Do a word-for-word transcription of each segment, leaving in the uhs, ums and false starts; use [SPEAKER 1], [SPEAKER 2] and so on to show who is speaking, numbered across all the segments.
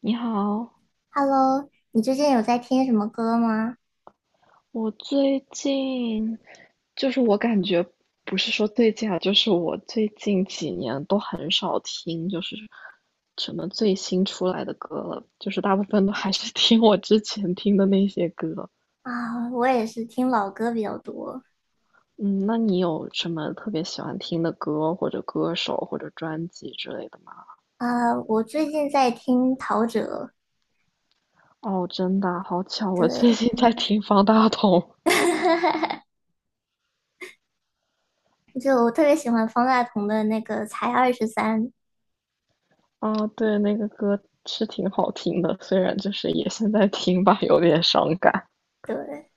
[SPEAKER 1] 你好，
[SPEAKER 2] Hello，你最近有在听什么歌吗？
[SPEAKER 1] 我最近就是我感觉不是说最近啊，就是我最近几年都很少听，就是什么最新出来的歌了，就是大部分都还是听我之前听的那些歌。
[SPEAKER 2] 啊，我也是听老歌比较多。
[SPEAKER 1] 嗯，那你有什么特别喜欢听的歌，或者歌手，或者专辑之类的吗？
[SPEAKER 2] 啊，我最近在听陶喆，
[SPEAKER 1] 哦，真的啊好巧，我最
[SPEAKER 2] 对，
[SPEAKER 1] 近在听方大同
[SPEAKER 2] 就我特别喜欢方大同的那个《才二十三》。
[SPEAKER 1] 啊，对，那个歌是挺好听的，虽然就是也现在听吧，有点伤感。
[SPEAKER 2] 对，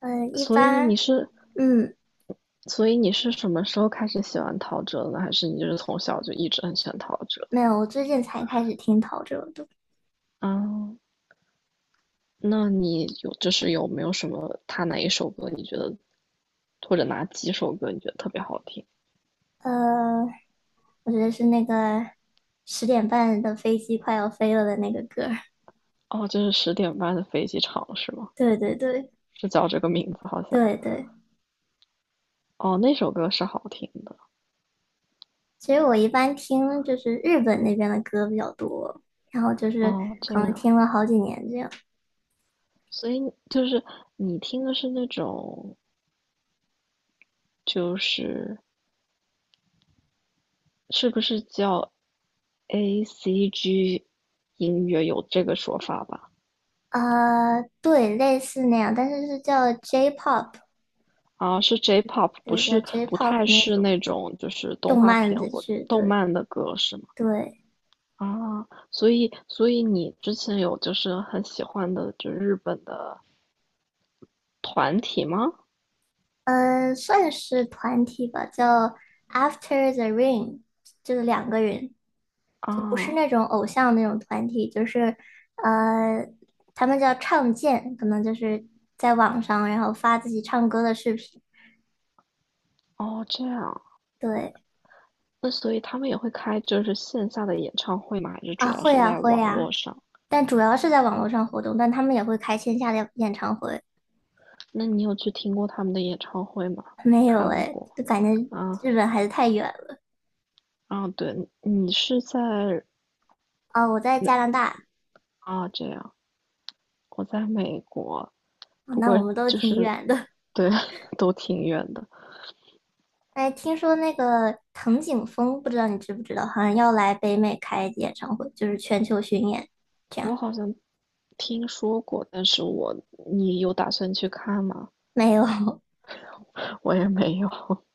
[SPEAKER 2] 嗯，一
[SPEAKER 1] 所以你
[SPEAKER 2] 般，
[SPEAKER 1] 是，
[SPEAKER 2] 嗯，
[SPEAKER 1] 所以你是什么时候开始喜欢陶喆的呢？还是你就是从小就一直很喜欢陶喆？
[SPEAKER 2] 没有，我最近才开始听陶喆的。
[SPEAKER 1] 啊，那你有就是有没有什么他哪一首歌你觉得，或者哪几首歌你觉得特别好听？
[SPEAKER 2] 呃，我觉得是那个十点半的飞机快要飞了的那个歌儿。
[SPEAKER 1] 哦，就是十点半的飞机场是吗？
[SPEAKER 2] 对对对
[SPEAKER 1] 是叫这个名字好像。
[SPEAKER 2] 对对，
[SPEAKER 1] 哦，那首歌是好听的。
[SPEAKER 2] 其实我一般听就是日本那边的歌比较多，然后就是
[SPEAKER 1] 哦，这
[SPEAKER 2] 可能
[SPEAKER 1] 样，
[SPEAKER 2] 听了好几年这样。
[SPEAKER 1] 所以就是你听的是那种就是是不是叫 A C G 音乐有这个说法吧？
[SPEAKER 2] 呃，对，类似那样，但是是叫 J-pop，
[SPEAKER 1] 啊，是 J-pop，不
[SPEAKER 2] 对，叫
[SPEAKER 1] 是不
[SPEAKER 2] J-pop
[SPEAKER 1] 太
[SPEAKER 2] 那
[SPEAKER 1] 是
[SPEAKER 2] 种
[SPEAKER 1] 那种就是动
[SPEAKER 2] 动
[SPEAKER 1] 画
[SPEAKER 2] 漫
[SPEAKER 1] 片
[SPEAKER 2] 的
[SPEAKER 1] 或
[SPEAKER 2] 剧，
[SPEAKER 1] 动
[SPEAKER 2] 对
[SPEAKER 1] 漫的歌是吗？
[SPEAKER 2] 对，
[SPEAKER 1] 啊，所以所以你之前有就是很喜欢的就日本的团体吗？
[SPEAKER 2] 呃，算是团体吧，叫 After the Rain，就是两个人，就不是
[SPEAKER 1] 啊，
[SPEAKER 2] 那种偶像那种团体，就是呃，他们叫唱见，可能就是在网上然后发自己唱歌的视频。
[SPEAKER 1] 哦这样，
[SPEAKER 2] 对，
[SPEAKER 1] 那所以他们也会开就是线下的演唱会吗？还是主
[SPEAKER 2] 啊，
[SPEAKER 1] 要
[SPEAKER 2] 会
[SPEAKER 1] 是
[SPEAKER 2] 呀，
[SPEAKER 1] 在
[SPEAKER 2] 会
[SPEAKER 1] 网
[SPEAKER 2] 呀，
[SPEAKER 1] 络上？
[SPEAKER 2] 但主要是在网络上活动，但他们也会开线下的演唱会。
[SPEAKER 1] 那你有去听过他们的演唱会吗？
[SPEAKER 2] 没有
[SPEAKER 1] 看
[SPEAKER 2] 哎，
[SPEAKER 1] 过
[SPEAKER 2] 就感觉
[SPEAKER 1] 啊，
[SPEAKER 2] 日本还是太远了。
[SPEAKER 1] 啊，对，你是在
[SPEAKER 2] 啊，我在加拿大，
[SPEAKER 1] 啊，这样，我在美国，
[SPEAKER 2] 啊
[SPEAKER 1] 不
[SPEAKER 2] 那
[SPEAKER 1] 过
[SPEAKER 2] 我们都
[SPEAKER 1] 就
[SPEAKER 2] 挺
[SPEAKER 1] 是，
[SPEAKER 2] 远的。
[SPEAKER 1] 对，都挺远的。
[SPEAKER 2] 哎，听说那个藤井风，不知道你知不知道，好像要来北美开演唱会，就是全球巡演这
[SPEAKER 1] 我
[SPEAKER 2] 样。
[SPEAKER 1] 好像听说过，但是我，你有打算去看吗？
[SPEAKER 2] 没有，
[SPEAKER 1] 我也没有。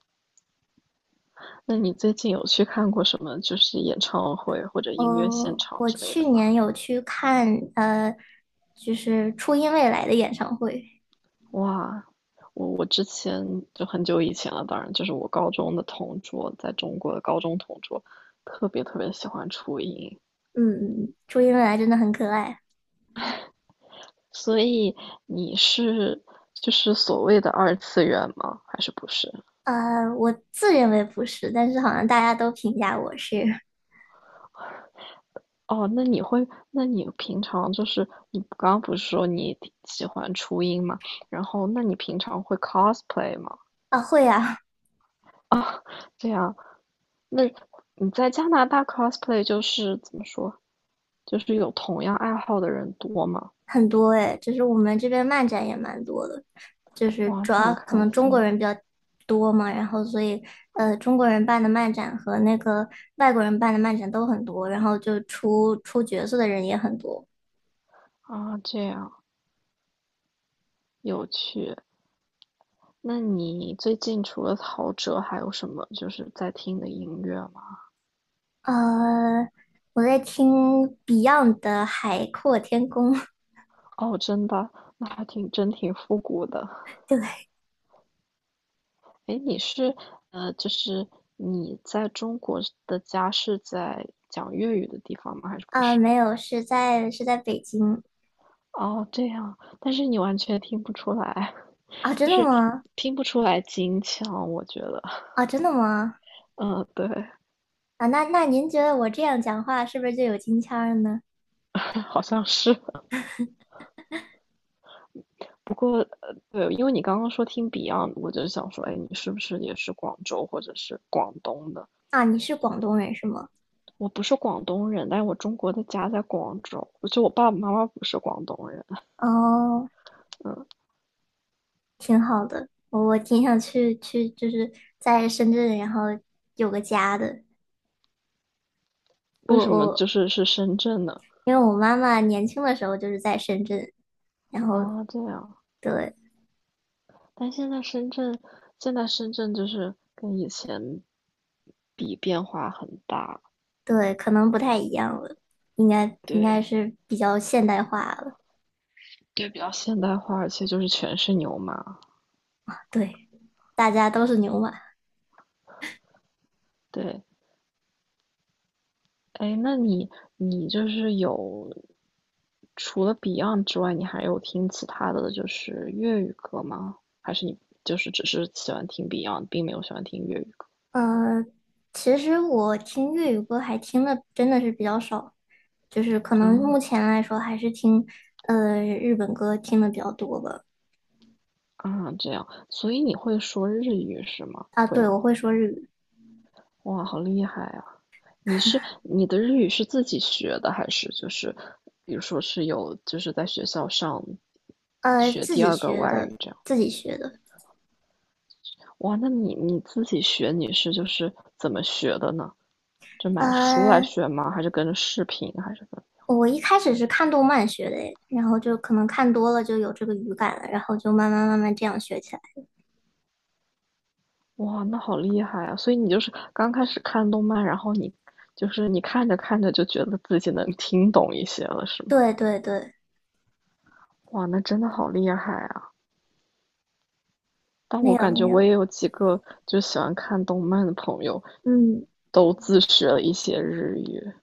[SPEAKER 1] 那你最近有去看过什么，就是演唱会或者音乐现
[SPEAKER 2] 呃，
[SPEAKER 1] 场
[SPEAKER 2] 我
[SPEAKER 1] 之类
[SPEAKER 2] 去
[SPEAKER 1] 的吗？
[SPEAKER 2] 年有去看，呃，就是初音未来的演唱会。
[SPEAKER 1] 哇，我我之前就很久以前了，当然就是我高中的同桌，在中国的高中同桌，特别特别喜欢初音。
[SPEAKER 2] 嗯，嗯嗯初音未来真的很可爱。
[SPEAKER 1] 所以你是就是所谓的二次元吗？还是不是？
[SPEAKER 2] 呃，我自认为不是，但是好像大家都评价我是。
[SPEAKER 1] 哦，那你会，那你平常就是你刚刚不是说你挺喜欢初音吗？然后，那你平常会 cosplay 吗？
[SPEAKER 2] 啊，会啊，
[SPEAKER 1] 这样，那你在加拿大 cosplay 就是怎么说？就是有同样爱好的人多吗？
[SPEAKER 2] 很多诶，就是我们这边漫展也蛮多的，就是
[SPEAKER 1] 哇，
[SPEAKER 2] 主
[SPEAKER 1] 那
[SPEAKER 2] 要
[SPEAKER 1] 很
[SPEAKER 2] 可
[SPEAKER 1] 开
[SPEAKER 2] 能中国
[SPEAKER 1] 心
[SPEAKER 2] 人比较多嘛，然后所以呃，中国人办的漫展和那个外国人办的漫展都很多，然后就出出角色的人也很多。
[SPEAKER 1] 啊，这样有趣。那你最近除了陶喆，还有什么就是在听的音乐吗？
[SPEAKER 2] 呃，我在听 Beyond 的《海阔天空》。
[SPEAKER 1] 哦，真的，那还挺真挺复古的。
[SPEAKER 2] 对，
[SPEAKER 1] 诶，你是呃，就是你在中国的家是在讲粤语的地方吗？还是不
[SPEAKER 2] 啊，
[SPEAKER 1] 是？
[SPEAKER 2] 没有，是在是在北京。
[SPEAKER 1] 哦，这样，但是你完全听不出来，
[SPEAKER 2] 啊，真
[SPEAKER 1] 就
[SPEAKER 2] 的
[SPEAKER 1] 是
[SPEAKER 2] 吗？
[SPEAKER 1] 听不出来京腔，我觉得，
[SPEAKER 2] 啊，真的吗？
[SPEAKER 1] 嗯，对，
[SPEAKER 2] 啊，那那您觉得我这样讲话是不是就有京腔儿呢？
[SPEAKER 1] 好像是。不过，呃，对，因为你刚刚说听 Beyond，我就想说，哎，你是不是也是广州或者是广东的？
[SPEAKER 2] 啊，你是广东人是吗？
[SPEAKER 1] 我不是广东人，但是我中国的家在广州，就我爸爸妈妈不是广东人。
[SPEAKER 2] 哦，挺好的，我我挺想去去，就是在深圳，然后有个家的。我
[SPEAKER 1] 为什么
[SPEAKER 2] 我
[SPEAKER 1] 就是是深圳呢？
[SPEAKER 2] 因为我妈妈年轻的时候就是在深圳，然后
[SPEAKER 1] 啊，这样，
[SPEAKER 2] 对
[SPEAKER 1] 但现在深圳，现在深圳就是跟以前比变化很大，
[SPEAKER 2] 对，可能不太一样了，应该应该
[SPEAKER 1] 对
[SPEAKER 2] 是比较现代化了。
[SPEAKER 1] 就比较现代化，而且就是全是牛马，
[SPEAKER 2] 对，大家都是牛马。
[SPEAKER 1] 对。哎，那你你就是有除了 Beyond 之外，你还有听其他的就是粤语歌吗？还是你就是只是喜欢听 Beyond，并没有喜欢听粤语歌？
[SPEAKER 2] 嗯、呃其实我听粤语歌还听的真的是比较少。就是可能
[SPEAKER 1] 嗯
[SPEAKER 2] 目前来说还是听呃日本歌听的比较多吧。
[SPEAKER 1] 啊，这样，所以你会说日语是吗？
[SPEAKER 2] 啊，
[SPEAKER 1] 会
[SPEAKER 2] 对，
[SPEAKER 1] 吗？
[SPEAKER 2] 我会说日语，
[SPEAKER 1] 哇，好厉害啊！你是你的日语是自己学的，还是就是比如说是有就是在学校上
[SPEAKER 2] 呃，
[SPEAKER 1] 学
[SPEAKER 2] 自
[SPEAKER 1] 第
[SPEAKER 2] 己
[SPEAKER 1] 二个
[SPEAKER 2] 学
[SPEAKER 1] 外
[SPEAKER 2] 的，
[SPEAKER 1] 语这样？
[SPEAKER 2] 自己学的。
[SPEAKER 1] 哇，那你你自己学你是就是怎么学的呢？就买书来
[SPEAKER 2] 呃，
[SPEAKER 1] 学吗？还是跟着视频？还是
[SPEAKER 2] 我一开始是看动漫学的诶，然后就可能看多了就有这个语感了，然后就慢慢慢慢这样学起来。
[SPEAKER 1] 跟？哇，那好厉害啊！所以你就是刚开始看动漫，然后你就是你看着看着就觉得自己能听懂一些了，是吗？
[SPEAKER 2] 对对对，
[SPEAKER 1] 哇，那真的好厉害啊！但
[SPEAKER 2] 没
[SPEAKER 1] 我
[SPEAKER 2] 有
[SPEAKER 1] 感觉
[SPEAKER 2] 没
[SPEAKER 1] 我
[SPEAKER 2] 有，
[SPEAKER 1] 也有几个就喜欢看动漫的朋友，
[SPEAKER 2] 嗯，
[SPEAKER 1] 都自学了一些日语。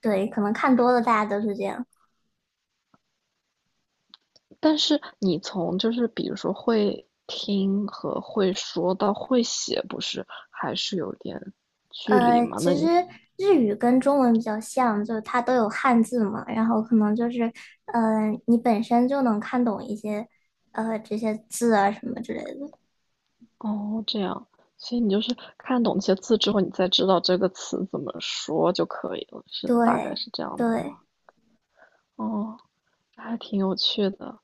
[SPEAKER 2] 对，可能看多了大家都是这样。
[SPEAKER 1] 但是你从就是比如说会听和会说到会写，不是还是有点距离
[SPEAKER 2] 呃，
[SPEAKER 1] 吗？那
[SPEAKER 2] 其实
[SPEAKER 1] 你
[SPEAKER 2] 日语跟中文比较像，就是它都有汉字嘛，然后可能就是，呃，你本身就能看懂一些，呃，这些字啊什么之。
[SPEAKER 1] 哦这样，所以你就是看懂那些字之后，你再知道这个词怎么说就可以了，是大概
[SPEAKER 2] 对
[SPEAKER 1] 是这样子
[SPEAKER 2] 对，
[SPEAKER 1] 吧。哦，还挺有趣的。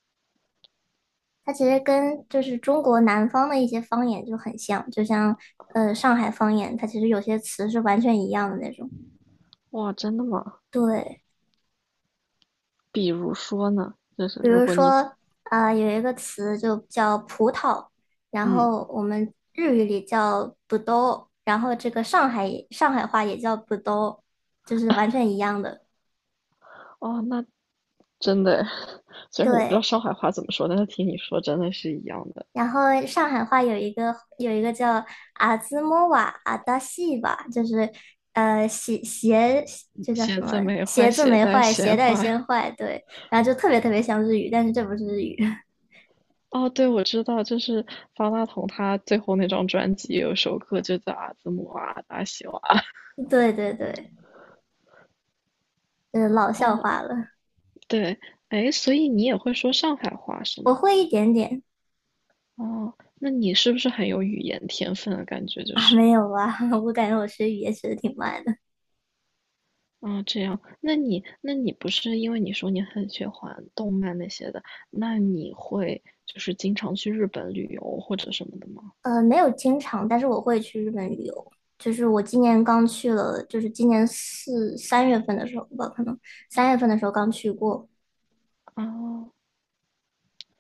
[SPEAKER 2] 它其实跟就是中国南方的一些方言就很像，就像呃上海方言，它其实有些词是完全一样的那种，
[SPEAKER 1] 哇，真的吗？
[SPEAKER 2] 对。
[SPEAKER 1] 比如说呢，就是
[SPEAKER 2] 比
[SPEAKER 1] 如
[SPEAKER 2] 如
[SPEAKER 1] 果你
[SPEAKER 2] 说，呃，有一个词就叫葡萄，然
[SPEAKER 1] 嗯。
[SPEAKER 2] 后我们日语里叫ぶどう，然后这个上海上海话也叫ぶどう，就是完全一样的。
[SPEAKER 1] 哦，那真的，虽然我不知道
[SPEAKER 2] 对，
[SPEAKER 1] 上海话怎么说，但是听你说真的是一样的。
[SPEAKER 2] 然后上海话有一个有一个叫阿兹莫瓦阿达西吧，就是呃鞋鞋这叫什
[SPEAKER 1] 鞋
[SPEAKER 2] 么？
[SPEAKER 1] 子没
[SPEAKER 2] 鞋
[SPEAKER 1] 坏，
[SPEAKER 2] 子
[SPEAKER 1] 鞋
[SPEAKER 2] 没
[SPEAKER 1] 带
[SPEAKER 2] 坏，鞋
[SPEAKER 1] 先
[SPEAKER 2] 带
[SPEAKER 1] 坏。
[SPEAKER 2] 先坏。对，然后就特别特别像日语，但是这不是日语。
[SPEAKER 1] 哦，对，我知道，就是方大同他最后那张专辑有首歌就叫《阿兹姆啊达西瓦》。
[SPEAKER 2] 对对对，就是老笑
[SPEAKER 1] 哦，
[SPEAKER 2] 话了。
[SPEAKER 1] 对，哎，所以你也会说上海话是吗？
[SPEAKER 2] 我会一点点。
[SPEAKER 1] 哦，那你是不是很有语言天分的感觉？就
[SPEAKER 2] 啊，
[SPEAKER 1] 是，
[SPEAKER 2] 没有啊，我感觉我学语言学的挺慢的。
[SPEAKER 1] 啊、这样，那你那你不是因为你说你很喜欢动漫那些的，那你会就是经常去日本旅游或者什么的吗？
[SPEAKER 2] 呃，没有经常，但是我会去日本旅游。就是我今年刚去了，就是今年四三月份的时候吧，可能三月份的时候刚去过。
[SPEAKER 1] 哦，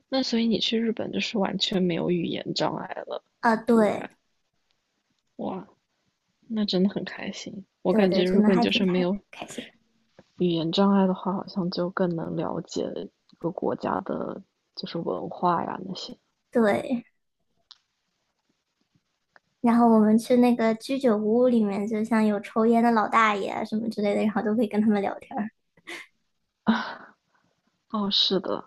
[SPEAKER 1] 那所以你去日本就是完全没有语言障碍了，
[SPEAKER 2] 啊，
[SPEAKER 1] 应
[SPEAKER 2] 对
[SPEAKER 1] 该，哇，那真的很开心。我
[SPEAKER 2] 对
[SPEAKER 1] 感
[SPEAKER 2] 对，
[SPEAKER 1] 觉如
[SPEAKER 2] 真的
[SPEAKER 1] 果你
[SPEAKER 2] 还
[SPEAKER 1] 就
[SPEAKER 2] 挺
[SPEAKER 1] 是没
[SPEAKER 2] 开
[SPEAKER 1] 有
[SPEAKER 2] 开心。
[SPEAKER 1] 语言障碍的话，好像就更能了解一个国家的，就是文化呀那些。
[SPEAKER 2] 对，然后我们去那个居酒屋里面，就像有抽烟的老大爷啊什么之类的，然后都可以跟他们聊天儿。
[SPEAKER 1] 哦，是的，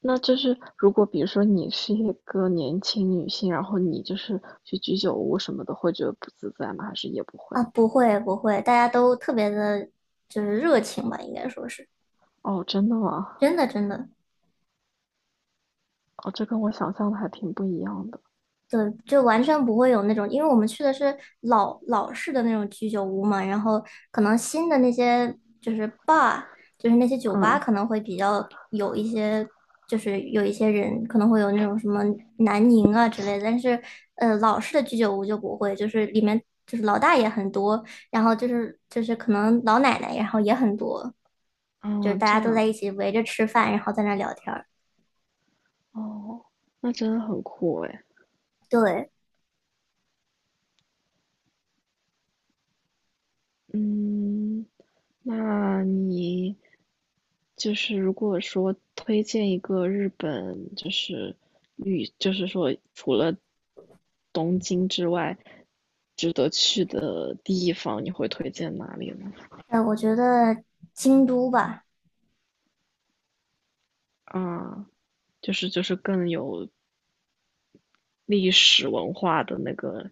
[SPEAKER 1] 那就是如果比如说你是一个年轻女性，然后你就是去居酒屋什么的，会觉得不自在吗？还是也不会？
[SPEAKER 2] 啊，不会不会，大家都特别的，就是热情吧，应该说是
[SPEAKER 1] 哦，真的吗？
[SPEAKER 2] 真的真的。
[SPEAKER 1] 哦，这跟我想象的还挺不一样的。
[SPEAKER 2] 对，就完全不会有那种，因为我们去的是老老式的那种居酒屋嘛，然后可能新的那些就是 bar，就是那些酒吧
[SPEAKER 1] 嗯
[SPEAKER 2] 可能会比较有一些，就是有一些人可能会有那种什么南宁啊之类的，但是呃老式的居酒屋就不会，就是里面就是老大爷很多，然后就是就是可能老奶奶，然后也很多，就是
[SPEAKER 1] 嗯，
[SPEAKER 2] 大
[SPEAKER 1] 这
[SPEAKER 2] 家都在
[SPEAKER 1] 样。
[SPEAKER 2] 一起围着吃饭，然后在那聊天儿。
[SPEAKER 1] 哦，那真的很酷诶。
[SPEAKER 2] 对，
[SPEAKER 1] 嗯，那你就是如果说推荐一个日本，就是旅，就是说除了东京之外，值得去的地方，你会推荐哪里呢？
[SPEAKER 2] 呃，我觉得京都吧。
[SPEAKER 1] 啊，就是就是更有历史文化的那个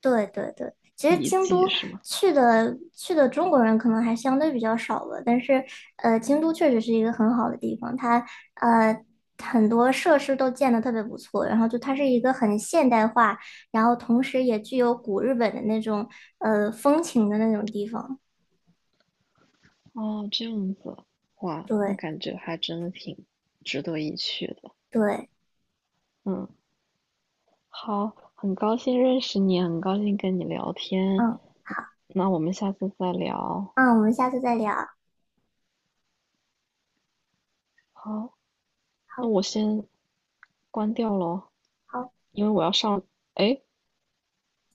[SPEAKER 2] 对对对，其实
[SPEAKER 1] 遗
[SPEAKER 2] 京
[SPEAKER 1] 迹
[SPEAKER 2] 都
[SPEAKER 1] 是吗？
[SPEAKER 2] 去的去的中国人可能还相对比较少吧，但是呃，京都确实是一个很好的地方，它呃很多设施都建的特别不错，然后就它是一个很现代化，然后同时也具有古日本的那种呃风情的那种地方。
[SPEAKER 1] 哦，这样子，哇，那
[SPEAKER 2] 对
[SPEAKER 1] 感觉还真的挺值得一去的。
[SPEAKER 2] 对，
[SPEAKER 1] 嗯。好，很高兴认识你，很高兴跟你聊天。
[SPEAKER 2] 嗯，好，
[SPEAKER 1] 那我们下次再聊。
[SPEAKER 2] 嗯，我们下次再聊，
[SPEAKER 1] 好，那我
[SPEAKER 2] 好
[SPEAKER 1] 先关掉喽，
[SPEAKER 2] 好。
[SPEAKER 1] 因为我要上。哎，